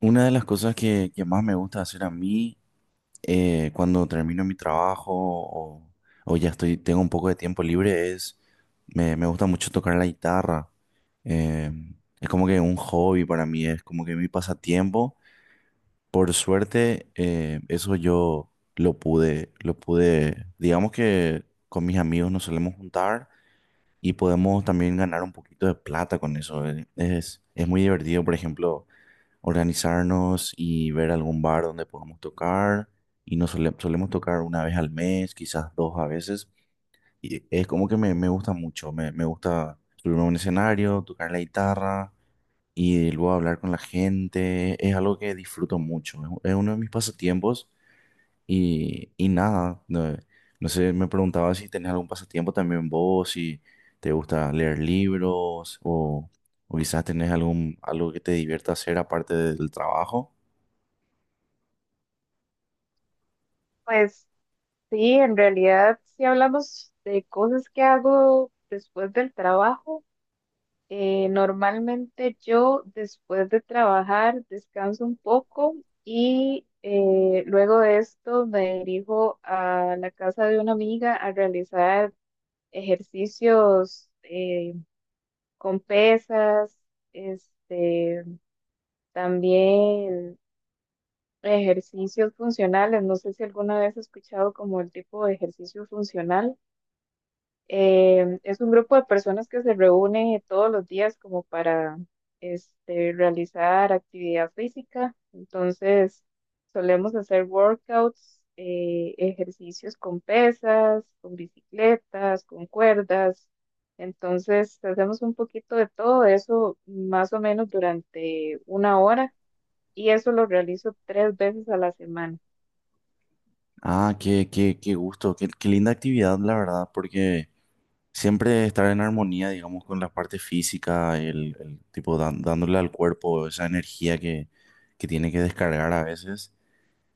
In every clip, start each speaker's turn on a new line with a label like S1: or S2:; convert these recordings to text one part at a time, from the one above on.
S1: Una de las cosas que más me gusta hacer a mí cuando termino mi trabajo o ya estoy, tengo un poco de tiempo libre es, me gusta mucho tocar la guitarra. Eh, es como que un hobby para mí, es como que mi pasatiempo. Por suerte, eso yo lo pude, digamos que con mis amigos nos solemos juntar y podemos también ganar un poquito de plata con eso. Es muy divertido, por ejemplo, organizarnos y ver algún bar donde podamos tocar. Y solemos tocar una vez al mes, quizás dos a veces. Y es como que me gusta mucho, me gusta subirme a un escenario, tocar la guitarra y luego hablar con la gente. Es algo que disfruto mucho, es uno de mis pasatiempos y nada, no sé, me preguntaba si tenés algún pasatiempo también vos, si te gusta leer libros o... O quizás tenés algo que te divierta hacer aparte del trabajo.
S2: Pues sí, en realidad, si hablamos de cosas que hago después del trabajo, normalmente yo después de trabajar descanso un poco y luego de esto me dirijo a la casa de una amiga a realizar ejercicios con pesas, este, también ejercicios funcionales. No sé si alguna vez has escuchado como el tipo de ejercicio funcional. Es un grupo de personas que se reúne todos los días como para realizar actividad física. Entonces, solemos hacer workouts, ejercicios con pesas, con bicicletas, con cuerdas. Entonces, hacemos un poquito de todo eso más o menos durante una hora y eso lo realizo tres veces a la semana.
S1: Ah, qué gusto, qué linda actividad, la verdad, porque siempre estar en armonía, digamos, con la parte física, el tipo dándole al cuerpo esa energía que tiene que descargar a veces,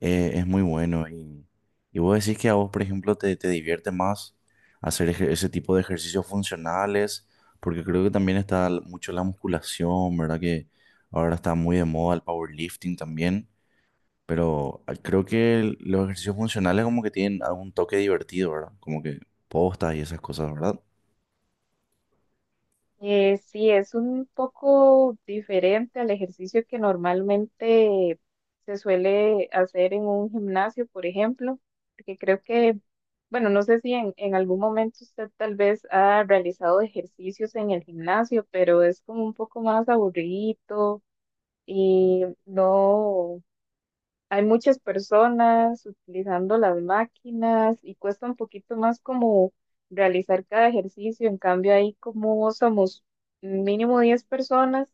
S1: es muy bueno. Y vos decís que a vos, por ejemplo, te divierte más ese tipo de ejercicios funcionales, porque creo que también está mucho la musculación, ¿verdad? Que ahora está muy de moda el powerlifting también. Pero creo que los ejercicios funcionales como que tienen algún toque divertido, ¿verdad? Como que postas y esas cosas, ¿verdad?
S2: Sí, es un poco diferente al ejercicio que normalmente se suele hacer en un gimnasio, por ejemplo, porque creo que, bueno, no sé si en algún momento usted tal vez ha realizado ejercicios en el gimnasio, pero es como un poco más aburrido y no. Hay muchas personas utilizando las máquinas y cuesta un poquito más como realizar cada ejercicio. En cambio, ahí como somos mínimo 10 personas,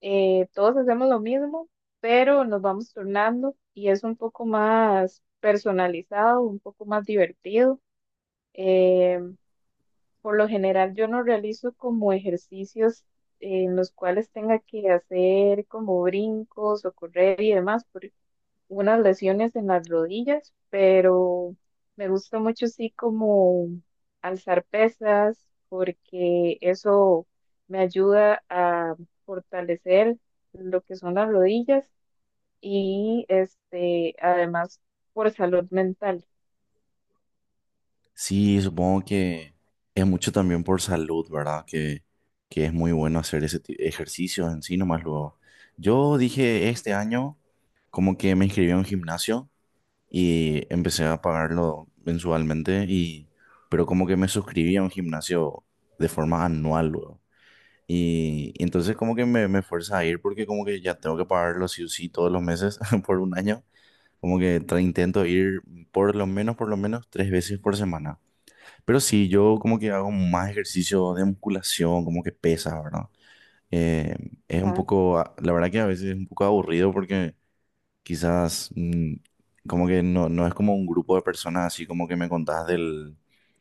S2: todos hacemos lo mismo, pero nos vamos turnando y es un poco más personalizado, un poco más divertido. Eh, por lo general, yo no realizo como ejercicios en los cuales tenga que hacer como brincos o correr y demás, unas lesiones en las rodillas, pero me gusta mucho sí como alzar pesas porque eso me ayuda a fortalecer lo que son las rodillas y además por salud mental.
S1: Sí, supongo que es mucho también por salud, ¿verdad? Que es muy bueno hacer ejercicios en sí, nomás luego. Yo dije este año como que me inscribí a un gimnasio y empecé a pagarlo mensualmente y... Pero como que me suscribí a un gimnasio de forma anual, luego. Y entonces como que me fuerza a ir porque como que ya tengo que pagarlo sí o sí todos los meses por un año. Como que intento ir por lo menos tres veces por semana. Pero sí, yo como que hago más ejercicio de musculación, como que pesa, ¿verdad? Eh, es un
S2: Ajá,
S1: poco, la verdad que a veces es un poco aburrido porque quizás como que no, no es como un grupo de personas así como que me contás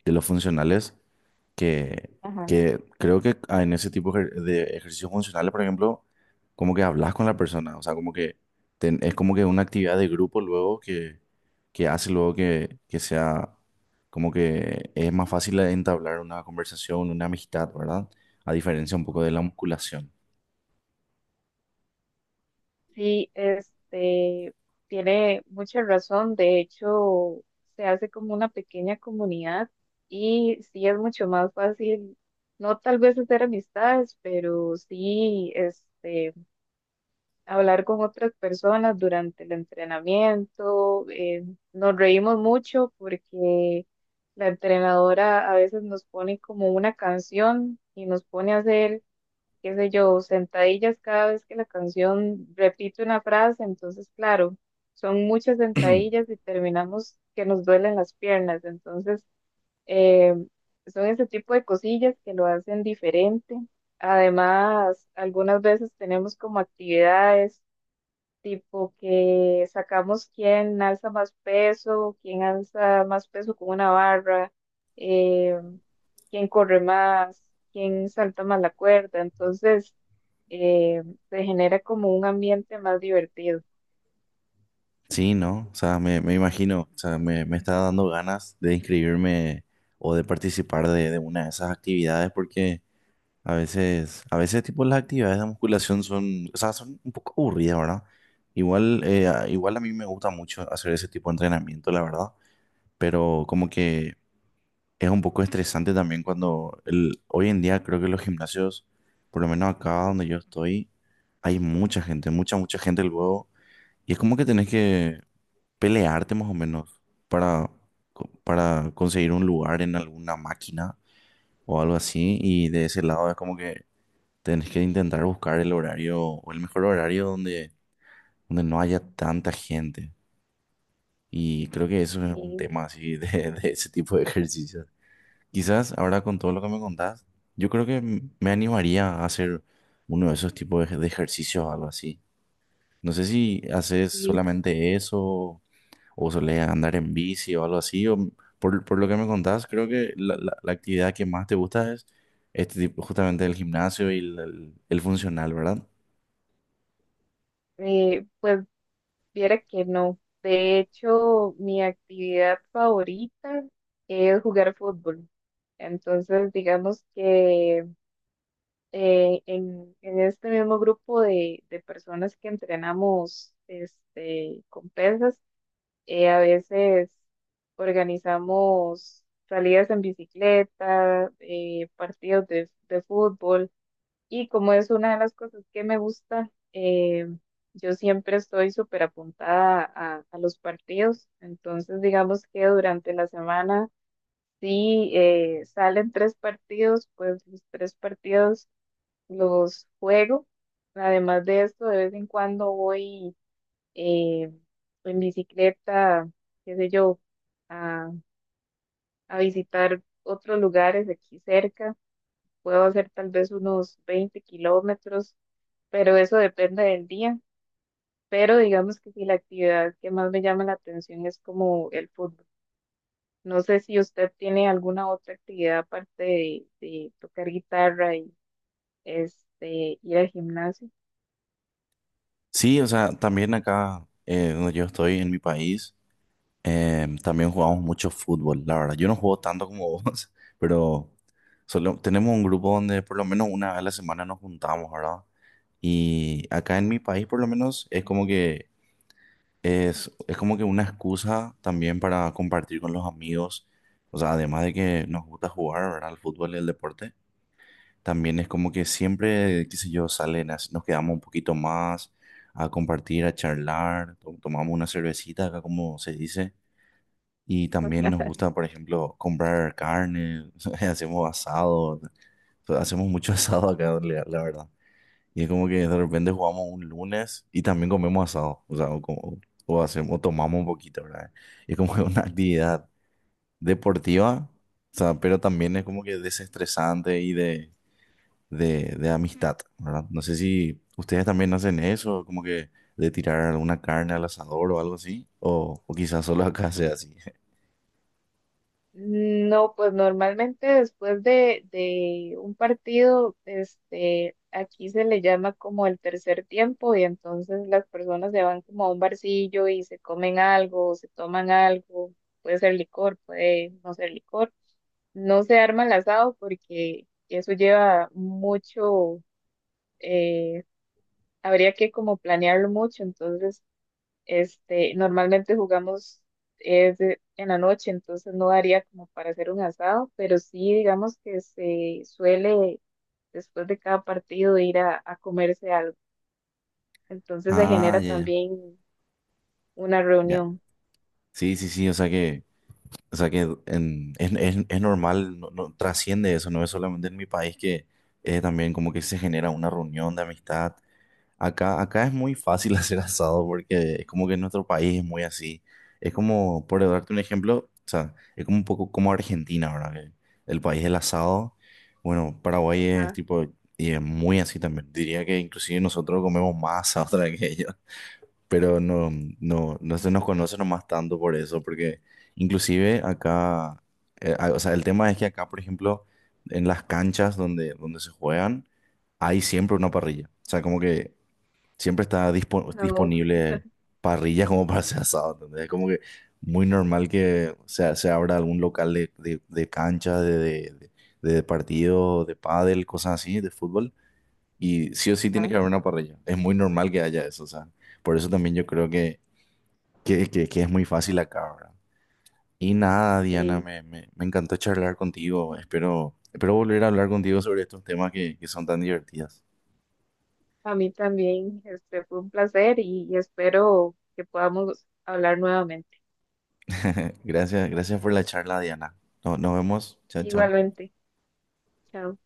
S1: de los funcionales, que,
S2: ajá.
S1: que creo que en ese de ejercicios funcionales, por ejemplo, como que hablas con la persona, o sea, como que es como que una actividad de grupo luego que hace luego que sea como que es más fácil entablar una conversación, una amistad, ¿verdad? A diferencia un poco de la musculación.
S2: Sí, tiene mucha razón. De hecho, se hace como una pequeña comunidad y sí es mucho más fácil, no tal vez hacer amistades, pero sí, hablar con otras personas durante el entrenamiento. Nos reímos mucho porque la entrenadora a veces nos pone como una canción y nos pone a hacer qué sé yo, sentadillas cada vez que la canción repite una frase, entonces claro, son muchas sentadillas y terminamos que nos duelen las piernas, entonces eh, son ese tipo de cosillas que lo hacen diferente. Además, algunas veces tenemos como actividades tipo que sacamos quién alza más peso, quién alza más peso con una barra, eh, quién corre más, quién salta más la cuerda, entonces eh, se genera como un ambiente más divertido.
S1: Sí, ¿no? O sea, me imagino, o sea, me está dando ganas de inscribirme o de participar de una de esas actividades porque a veces tipo las actividades de musculación son, o sea, son un poco aburridas, ¿verdad? Igual, igual a mí me gusta mucho hacer ese tipo de entrenamiento, la verdad, pero como que es un poco estresante también cuando el, hoy en día creo que los gimnasios, por lo menos acá donde yo estoy, hay mucha gente, mucha gente luego y es como que tenés que pelearte más o menos para, para conseguir un lugar en alguna máquina o algo así. Y de ese lado es como que tenés que intentar buscar el horario o el mejor horario donde, donde no haya tanta gente. Y creo que eso es un
S2: Sí,
S1: tema así de, de ese tipo de ejercicios. Quizás ahora con todo lo que me contás, yo creo que me animaría a hacer uno de esos tipos de, de ejercicios o algo así. No sé si haces
S2: sí.
S1: solamente eso o solés andar en bici o algo así, o por lo que me contás, creo que la actividad que más te gusta es este tipo, justamente el gimnasio y el funcional, ¿verdad?
S2: Pues viera que no. De hecho, mi actividad favorita es jugar fútbol. Entonces, digamos que en este mismo grupo de personas que entrenamos con pesas, a veces organizamos salidas en bicicleta, partidos de fútbol y como es una de las cosas que me gusta, yo siempre estoy súper apuntada a los partidos, entonces digamos que durante la semana, Si salen tres partidos, pues los tres partidos los juego. Además de esto, de vez en cuando voy eh, en bicicleta, qué sé yo, a, a visitar otros lugares aquí cerca. Puedo hacer tal vez unos 20 kilómetros, pero eso depende del día. Pero digamos que si la actividad que más me llama la atención es como el fútbol. No sé si usted tiene alguna otra actividad aparte de tocar guitarra y ir al gimnasio.
S1: Sí, o sea, también acá donde yo estoy, en mi país, también jugamos mucho fútbol, la verdad. Yo no juego tanto como vos, pero solo, tenemos un grupo donde por lo menos una vez a la semana nos juntamos, ¿verdad? Y acá en mi país por lo menos es como que es como que una excusa también para compartir con los amigos. O sea, además de que nos gusta jugar, ¿verdad? Al fútbol y el deporte, también es como que siempre, qué sé yo, salen, nos quedamos un poquito más a compartir, a charlar, tomamos una cervecita acá, como se dice. Y también nos gusta, por ejemplo, comprar carne, hacemos asado, hacemos mucho asado acá, la verdad. Y es como que de repente jugamos un lunes y también comemos asado, o sea, o hacemos, o tomamos un poquito, ¿verdad? Y es como que una actividad deportiva, o sea, pero también es como que desestresante y de amistad, ¿verdad? No sé si ustedes también hacen eso, como que de tirar alguna carne al asador o algo así, o quizás solo acá sea así.
S2: No, pues normalmente después de un partido, aquí se le llama como el tercer tiempo y entonces las personas se van como a un barcillo y se comen algo, se toman algo, puede ser licor, puede no ser licor. No se arma el asado porque eso lleva mucho, eh, habría que como planearlo mucho, entonces normalmente jugamos es en la noche, entonces no daría como para hacer un asado, pero sí digamos que se suele después de cada partido ir a comerse algo. Entonces se
S1: Ah,
S2: genera también una
S1: ya.
S2: reunión.
S1: Sí, sí, sí, O sea que es, es normal, no, no trasciende eso, no es solamente en mi país que también como que se genera una reunión de amistad. Acá es muy fácil hacer asado porque es como que en nuestro país es muy así. Es como, por darte un ejemplo, o sea, es como un poco como Argentina, ¿verdad? Que el país del asado. Bueno, Paraguay es
S2: Ajá,
S1: tipo, y es muy así también. Diría que inclusive nosotros comemos más asado que ellos, pero no, no se nos conoce nomás tanto por eso, porque inclusive acá, o sea, el tema es que acá, por ejemplo, en las canchas donde, donde se juegan, hay siempre una parrilla. O sea, como que siempre está
S2: no,
S1: disponible parrillas como para hacer asado, ¿entendés? Es como que muy normal que se abra algún local de, de cancha, de partido, de pádel, cosas así, de fútbol. Y sí o sí tiene
S2: ajá,
S1: que haber una parrilla. Es muy normal que haya eso, o sea. Por eso también yo creo que es muy fácil acá, ¿verdad? Y nada, Diana,
S2: sí.
S1: me encantó charlar contigo. Espero, espero volver a hablar contigo sobre estos temas que son tan divertidos.
S2: A mí también, fue un placer y espero que podamos hablar nuevamente.
S1: Gracias, gracias por la charla, Diana. Nos vemos. Chao, chao.
S2: Igualmente, chao.